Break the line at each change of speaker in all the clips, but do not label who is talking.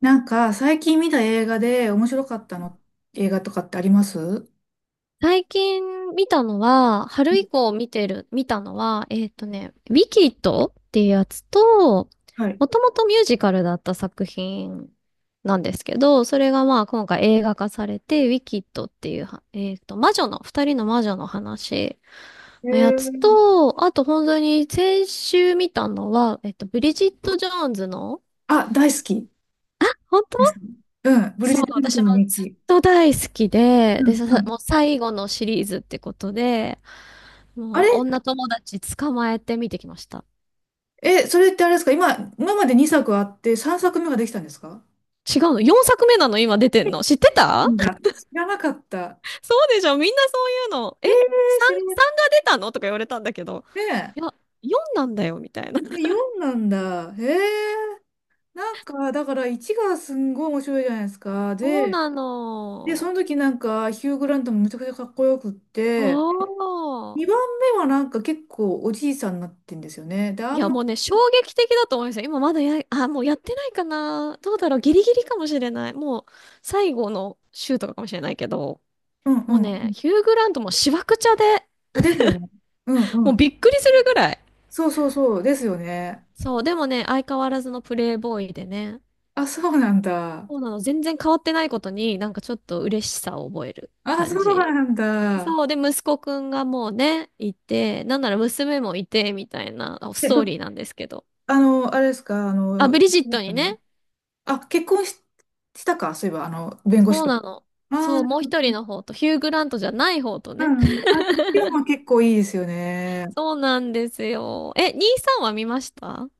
なんか、最近見た映画で面白かったの、映画とかってあります？うん。
最近見たのは、春以降見てる、見たのは、ウィキッドっていうやつと、
はい。
もともとミュージカルだった作品なんですけど、それがまあ今回映画化されて、ウィキッドっていうは、魔女の、二人の魔女の話のやつと、あと本当に先週見たのは、ブリジット・ジョーンズの、
あ、大好き
あ、本
です。うん、ブリ
そ
ジット・
う、
ジョーンズ
私も
の日
ずっ
記。
と大好きで、
う
で、
ん
さ、
うん。
もう最後のシリーズってことで、
あ
もう
れ、
女友達捕まえて見てきました。
え、それってあれですか？今まで2作あって3作目ができたんですか？
違うの？ 4 作目なの今出てんの知ってた？
なんだ。知らなかった。
そうでしょみんなそういうの。え？ 3、
知らな、
3が出たのとか言われたんだけど。
ね
いや、4なんだよ、みたいな。
え、え、4なんだ。へえ、なんか、だから1がすんごい面白いじゃないですか。
そう
で、
な
で、そ
の。
の時なんか、ヒュー・グラントもめちゃくちゃかっこよくって、
そう。
2番目はなんか結構おじいさんになってんですよね。で、
い
あん
や、も
ま、
うね、衝撃的だと思いますよ。今まだや、あ、もうやってないかな。どうだろう。ギリギリかもしれない。もう、最後の週とかかもしれないけど、
うんう
もう
んう
ね、
ん。
ヒュー・グラントもしわくちゃで、
あ、ですよね。うんう
もう
ん。
びっくりするぐらい。
そうそうそう、ですよね。
そう、でもね、相変わらずのプレイボーイでね、
あ、そうなんだ。
そうなの、全然変わってないことに、なんかちょっと嬉しさを覚える
あ、
感
そう
じ。
なんだ。
そう、で、息子くんがもうね、いて、なんなら娘もいて、みたいなあス
え、
ト
ど、
ーリーなんですけど。
あれですか、
あ、ブリジットにね、
あ、結婚し、したか、そういえば、弁護士
そう
と。
なの。
ああ、
そう、
なる
もう一
ほ
人
ど。
の方と、ヒュー・グラントじゃない方と
う
ね。
ん。あ、今日も結構いいですよね。
そうなんですよ。え、兄さんは見ました？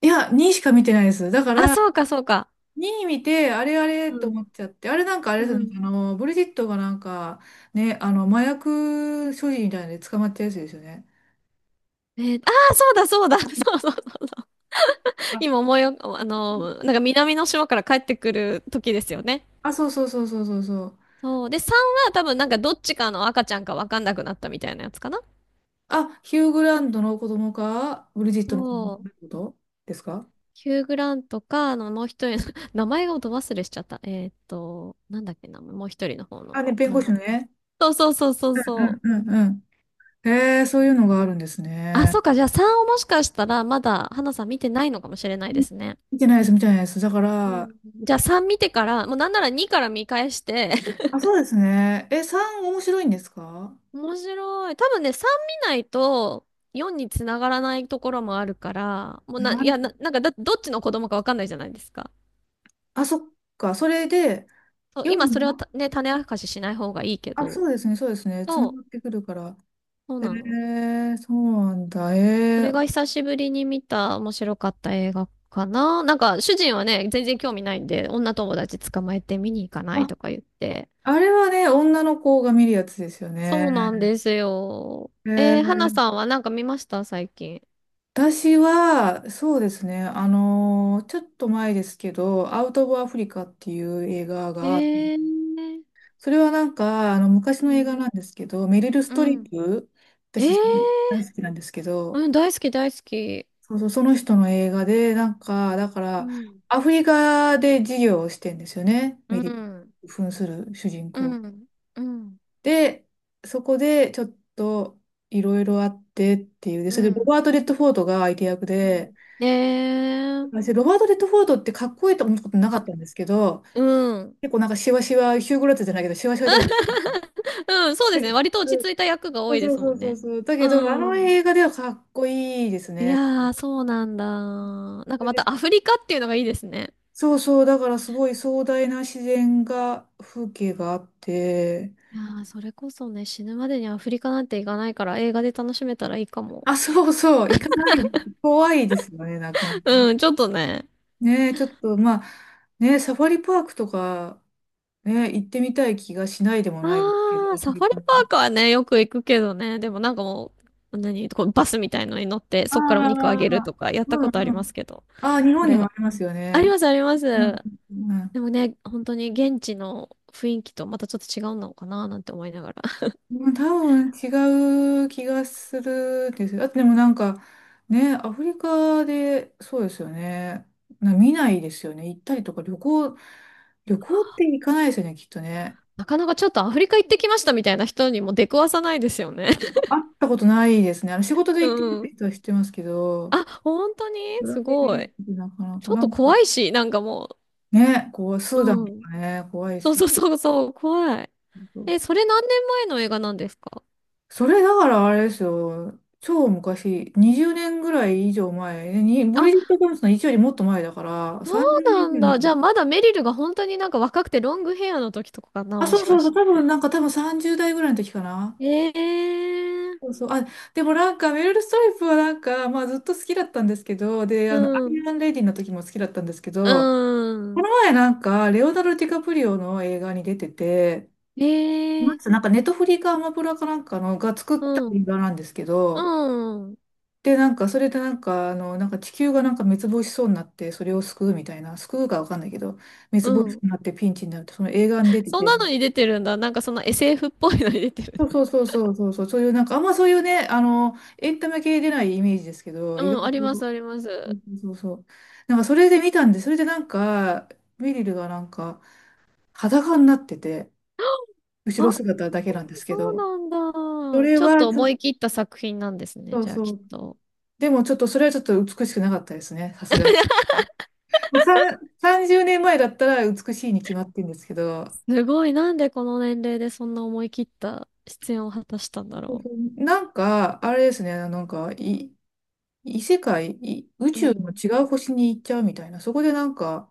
いや、2しか見てないです。だか
あ、
ら、
そうか、そうか。
2位見て、あれあれ
う
と
ん。
思っちゃって、あれなんかあ
う
れですね、
ん。
ブリジットがなんか、ね、麻薬所持みたいなので捕まったやつですよね。
そうだ、そうだ。そうそうそう。
あ
今思いよ、あの、なんか南の島から帰ってくる時ですよね。
あ、そうそうそうそうそうそう。
そう。で、3は多分なんかどっちかの赤ちゃんかわかんなくなったみたいなやつかな。
あ、ヒュー・グラントの子供か、ブリジットの子供
そう。
ってことですか？
ヒュー・グラントか、あの、もう一人の 名前がど忘れしちゃった。なんだっけな、もう一人の方の。
あ、ね、弁
あ
護
の、
士のね。
そうそうそうそう
うん
そう。
うんうんうん。へえ、そういうのがあるんです
あ、
ね。
そうか。じゃあ3をもしかしたらまだ花さん見てないのかもしれない
う
で
ん、
すね。
見てないです、見てないです。だか
う
ら、
ん。じゃあ3見てから、もうなんなら2から見返して、
あ、そうですね。え、3面白いんですか？
面白い。多分ね、3見ないと4につながらないところもあるから、もうな、
な
い
る
や、な、なんかだ、どっちの子供かわかんないじゃないですか。
あ、そっか。それで、
そう、
4、
今それはたね、種明かししない方がいいけ
あ、そ
ど、
うですね、そうですね。つな
そう、
がってくるから。
そうなの。
そうなんだ。
それが久しぶりに見た面白かった映画かな。なんか、主人はね、全然興味ないんで、女友達捕まえて見に行かない
あ、
とか言って、
あれはね、女の子が見るやつですよ
そ
ね。
うなんですよ。
え
えー、花
ー、
さんはなんか見ました？最近。
私は、そうですね、ちょっと前ですけど、アウト・オブ・アフリカっていう映画
え
が、
ー、
それはなんか、昔
う
の映画
ん、
なんですけど、メリル・ス
う
トリッ
ん、
プ、
えー、
私大好きなんですけど、
うん、大好き大好き。
そうそう、その人の映画で、なんか、だか
う
ら、
ん、
アフリカで事業をしてんですよね。
う
メディ
ん、
ア扮する主人
う
公。
ん、うん、
で、そこでちょっといろいろあってっていう。で、
う
それでロ
ん。
バート・レッドフォードが相手役
う
で、
ん。えー、
私、ロバート・レッドフォードってかっこいいと思ったことなかっ
か、
たんですけど、
うん。
結構なんかシワシワ、ヒュー・グラッツじゃないけど、シワシワじゃないですか。
うん、そうで
だ
すね。
け
割と
ど
落ち着いた役が多いで
そう
すも
そうそう
ん
そう
ね。
そう。だけど、あ
う
の
ん。
映画ではかっこいいです
い
ね。
やー、そうなんだ。なんかまたアフリカっていうのがいいですね。
そうそう、だからすごい壮大な自然が、風景があって、
いやー、それこそね、死ぬまでにアフリカなんて行かないから映画で楽しめたらいいかも。
あ、そうそう、行かない、怖いですよね、なかなか。
うん、ちょっとね。
ねえ、ちょっと、まあ、ね、サファリパークとか、ね、行ってみたい気がしないでもないですけど、
ああ、
アフ
サフ
リ
ァリ
カ
パ
に。
ークはね、よく行くけどね。でもなんかもう、何、こうバスみたいのに乗って、
あ
そっからお肉あげると
あ、
か、やった
う
ことあ
ん
り
う
ま
ん。
すけど。
ああ、日
こ
本に
れ、
もありますよ
あり
ね。
ます、ありま
うん、
す。
うん、
でもね、本当に現地の雰囲気とまたちょっと違うのかな、なんて思いながら。
まあ、多分違う気がするんですよ。あとでもなんかね、アフリカでそうですよね。見ないですよね。行ったりとか旅行って行かないですよね、きっとね。
なかなかちょっとアフリカ行ってきましたみたいな人にも出くわさないですよね。
会ったことないですね。あの仕事で
う
行ってるって
ん。
人は知ってますけど、
あ、本当に
プライ
す
ベー
ごい。
トでなかなか
ちょっ
な
と
んか
怖いし、なんかも
ね、こう、ス
う。
ーダンと
うん。
かね、怖いで
そう
すよ
そうそうそう、怖い。
ね。
え、それ何年前の映画なんですか？
それだからあれですよ。超昔、20年ぐらい以上前、ね、にブリジッ
あ、
ト・ジョーンズの1よりもっと前だから、
そ
30
うなん
年ぐら
だ。
い。
じゃあまだメリルが本当になんか若くてロングヘアの時とかかな、
あ、
も
そ
し
うそ
か
うそう、
し
多分
て。
なんか多分30代ぐらいの時かな。
ええ
そう
ー、
そう。あ、でもなんかメルル・ストリップはなんか、まあずっと好きだったんですけど、で、
う
ア
ん、
イアンレディの時も好きだったんですけ
う
ど、この
ん、
前なんか、レオナルド・ディカプリオの映画に出てて、
え
な
え
ん
ー、
つうなんかネットフリかアマプラかなんかのが作っ
う
た映
ん、
画なんですけど、
うん、
で、なんかそれでなんか、なんか地球がなんか滅亡しそうになって、それを救うみたいな、救うかわかんないけど、滅
う
亡しそう
ん。
になってピンチになるって、その映画に出て
そん
て、
なのに出てるんだ。なんかその SF っぽいのに出てるん
そう
だ。
そうそうそうそうそう、そういうなんかあんまそういうね、エンタメ系出ないイメージですけど、
う
意外
ん、あ
と、
ります、ありま
そ
す。
うそうそうそう。なんかそれで見たんで、それでなんか、メリルがなんか裸になってて、後
あ、
ろ姿だけなんですけ
そう
ど、
なん
そ
だ。
れ
ちょっ
は
と
ちょ
思
っ
い切った作品なんですね、
と
じゃあき
そ
っ
う、
と。
でもちょっとそれはちょっと美しくなかったですね、さすがに。もう30年前だったら美しいに決まってるんですけど、
すごい、なんでこの年齢でそんな思い切った出演を果たしたんだ
そう
ろ
そうなんか、あれですね、なんか、異世界、宇
う。う
宙の
ん
違う星に行っちゃうみたいな、そこでなんか、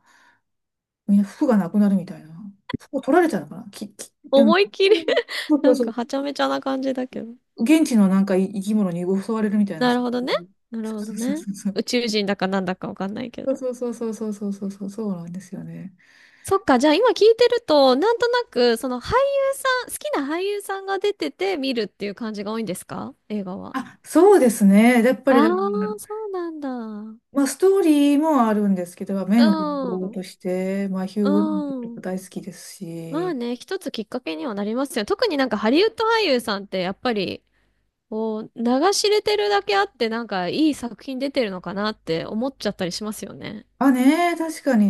みんな服がなくなるみたいな。服を取られちゃうのかなでも、
思いっきり
そうそ
な
う
んか
そ
はちゃめちゃな感じだけど。
う。現地のなんか生き物に襲われるみたいな。
な
そ
るほど
う
ね。
いう
なる
そ
ほど
う
ね。
そうそう。
宇宙人だかなんだかわかんないけ
そう
ど。
そうそうそうそうそうそうそうなんですよね。
そっか、じゃあ今聞いてると、なんとなく、その俳優さん、好きな俳優さんが出てて見るっていう感じが多いんですか？映画は。
あ、そうですね。やっぱ
あ
りだ
あ、
から、
そうなんだ。う
まあ、ストーリーもあるんですけど、目の不幸
ん。
として、まあ、ヒュ
う
ー・グリントとか
ん。
大好きです
まあ
し。
ね、一つきっかけにはなりますよ。特になんかハリウッド俳優さんってやっぱり、こう、流し入れてるだけあって、なんかいい作品出てるのかなって思っちゃったりしますよね。
あ、ねえ、確かに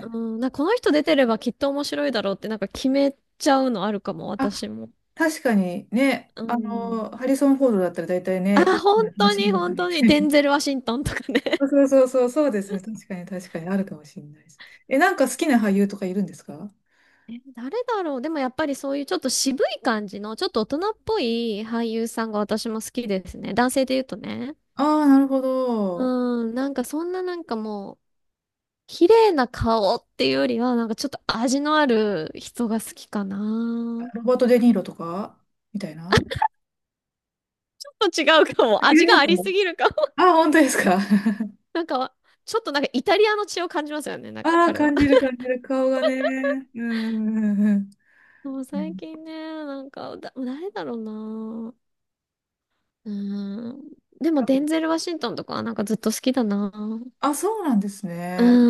うん、なんかこの人出てればきっと面白いだろうってなんか決めちゃうのあるかも、
あ、
私も。
確かにね。
うん。
ハリソン・フォードだったら大体
あ、
ね、あ、
本当
話
に
だよ
本
ね。
当に。デン ゼル・ワシントンとかね。
そうそうそう、そうですね。確かに確かにあるかもしれないです。え、なんか好きな俳優とかいるんですか？
え、誰だろう。でもやっぱりそういうちょっと渋い感じの、ちょっと大人っぽい俳優さんが私も好きですね。男性で言うとね。
ああー、なるほど。
うん、なんかそんななんかもう、綺麗な顔っていうよりは、なんかちょっと味のある人が好きかな。
ロバート・デ・ニーロとかみたいな。
ちょっと違うかも。味
い
が
ま
あ
す
り
ね。
すぎるかも。
ああ、本当ですか？
なんか、ちょっとなんかイタリアの血を感じますよね、なん
あ、
か
あー、
彼は。
感じる 感じる。顔がね。うんうんうんうん。
もう
う
最
ん、
近ね、なんか、誰だろうな。うーん。でも、デンゼル・ワシントンとかはなんかずっと好きだな。
あ、そうなんです
う
ね。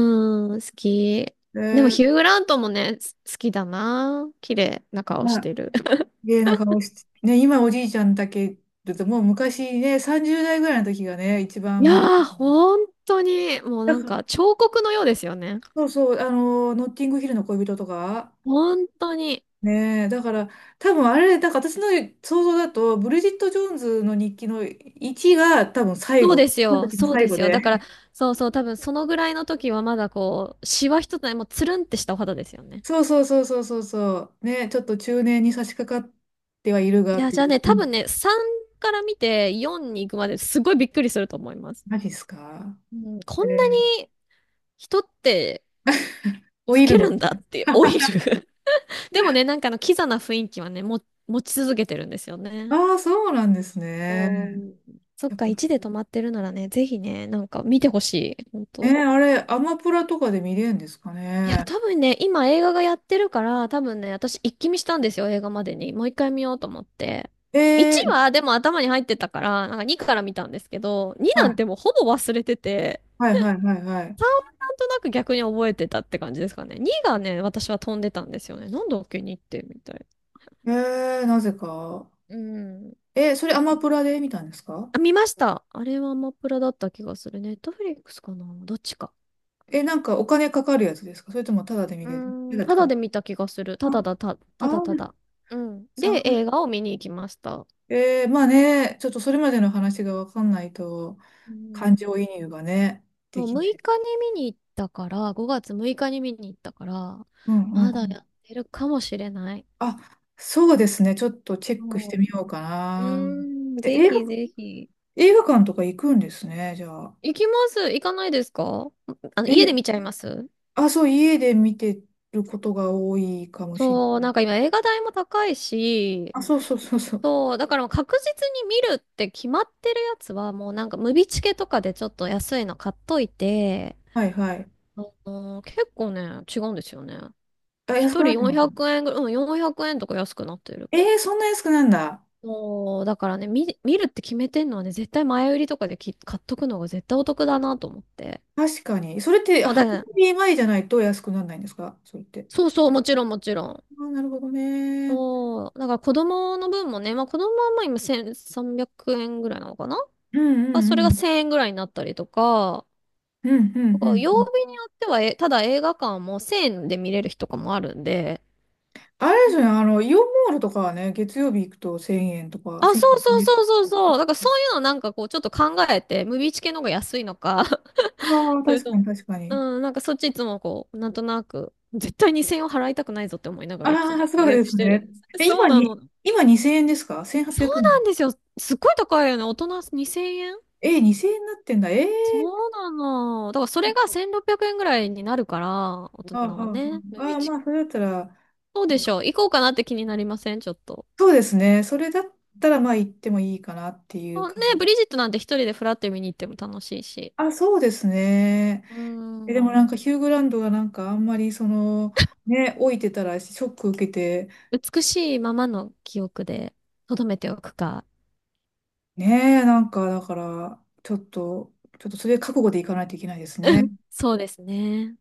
ーん、好き。
え
でも、
ー、
ヒュー・グラントもね、好きだな。綺麗な顔
ま
して
あ、
る。
綺麗な顔して。ね、今おじいちゃんだけだと、もう昔ね、30代ぐらいの時がね、一
い
番、ま、
やー、本当に、もう
だか
なん
ら
か彫刻のようですよね。
そうそう、ノッティングヒルの恋人とか、
本当に。
ねえ、だから、多分あれ、なんか私の想像だと、ブリジット・ジョーンズの日記の1が多分最
そう
後、
です
この
よ、
時の
そう
最
で
後
すよ。
で。
だから、そうそう、多分そのぐらいの時はまだこう、シワ一つない、もうつるんってしたお肌ですよね。
そうそうそうそうそうそう。ね、ちょっと中年に差し掛かってはいるが
い
っ
や、
てい
じゃあ
う。
ね、
う
多分
ん、
ね、3から見て4に行くまですごいびっくりすると思います。
マジっすか？
うん、こ
え
んな
ー、
に人って
老
老
いる
け
の。
るんだ って老いる でもね、なんかあのキザな雰囲気はね、持ち続けてるんですよ
あ
ね。
あー、そうなんですね。
おーそっ
やっ
か、
ぱね、
1で止まってるならね、ぜひね、なんか見てほしい。本当。
あれ、アマプラとかで見れるんですか
いや、
ね。
多分ね、今映画がやってるから、多分ね、私一気見したんですよ、映画までに。もう一回見ようと思って。
え
1
ー、
はでも頭に入ってたから、なんか2から見たんですけど、2
は
なん
い、
てもうほぼ忘れてて、
はいはいはいはい。
なんとなく逆に覚えてたって感じですかね。2がね、私は飛んでたんですよね。なんだっけ、2ってみたい。
なぜか。
うん。
それアマプラで見たんですか？
あ、見ました。あれはアマプラだった気がする。ネットフリックスかなどっちか。
え、なんかお金かかるやつですか？それともタダで見
う
れる？タ
ーん、
ダって
ただ
か。
で見た気がする。
あ、
ただだ、
あ
ただた
ー、
だ。うん。
サ
で、
ウ
映
ス、
画を見に行きました。
まあね、ちょっとそれまでの話がわかんないと、
う
感
ん
情移入がね、で
そう
きな
6
い。
日に見に行ったから、5月6日に見に行ったから、
うん
ま
う
だ
ん。
やってるかもしれない。
あ、そうですね。ちょっとチェックして
そ
みようか
う。
な。
うーん、
え、
ぜひぜひ。
映画館とか行くんですね、じゃあ。
行きます。行かないですか？あの、家で
え、
見ちゃいます？
あ、そう、家で見てることが多いかもしれ
そう、
な
なん
い。
か今映画代も高いし、
あ、そうそうそうそう。
そう、だからもう確実に見るって決まってるやつは、もうなんかムビチケとかでちょっと安いの買っといて、
はいはい。
あのー結構ね、違うんですよね。
あ、安
一
くな
人
ってます
400
ね。
円ぐらい、うん、400円とか安くなってる。
そんな安くなんだ。
そう、だからね、見るって決めてんのはね、絶対前売りとかでき買っとくのが絶対お得だなと思って。
確かに。それって、
そうだ
初
ね。
耳前じゃないと安くならないんですか？それって。
そうそう、もちろんもちろん。
あー、なるほどね。
そう、だから子供の分もね、まあ子供はまあ今1300円ぐらいなのかな？
うんう
まあ
んう
それが
ん。
1000円ぐらいになったりとか、
うんうんう
だから
んう
曜
ん。
日によっては、え、ただ映画館も1000円で見れる日とかもあるんで、
あれですよね、イオンモールとかはね、月曜日行くと1000円とか、
あ、
1000
そうそう
円。
そうそうそう。だからそういうのなんかこうちょっと考えて、ムービーチ系の方が安いのか
ああ、
それ
確か
とも、
に確かに。
うん、なんかそっちいつもこう、なんとなく、絶対2000円を払いたくないぞって思いながらいつも
ああ、
予
そうで
約し
す
てる
ね。
んです。
え、
そう
今
な
に、
の。
今2000円ですか？
そう
1800
な
円。
んですよ。すっごい高いよね。大人2000円
2000円になってんだ。ええ
そ
ー。
うなの。だからそれが1600円ぐらいになるから、大
あーは
人は
ーは
ね。ムービ
ー
ー
あー、
チ
ま
ケッ
あ、それ
ト。
だったら、
そうでしょう。行こうかなって気になりません？ちょっと。
そうですね。それだったら、まあ、行ってもいいかなっていう
そうね、
感じ。
ブリジットなんて一人でフラッて見に行っても楽しいし。
あ、そうですね。
うー
え、でもなん
ん。
かヒュー・グランドがなんかあんまりその、ね、老いてたらショック受けて、
美しいままの記憶で留めておくか。
ねえ、なんかだから、ちょっと、それ覚悟でいかないといけないですね。
そうですね。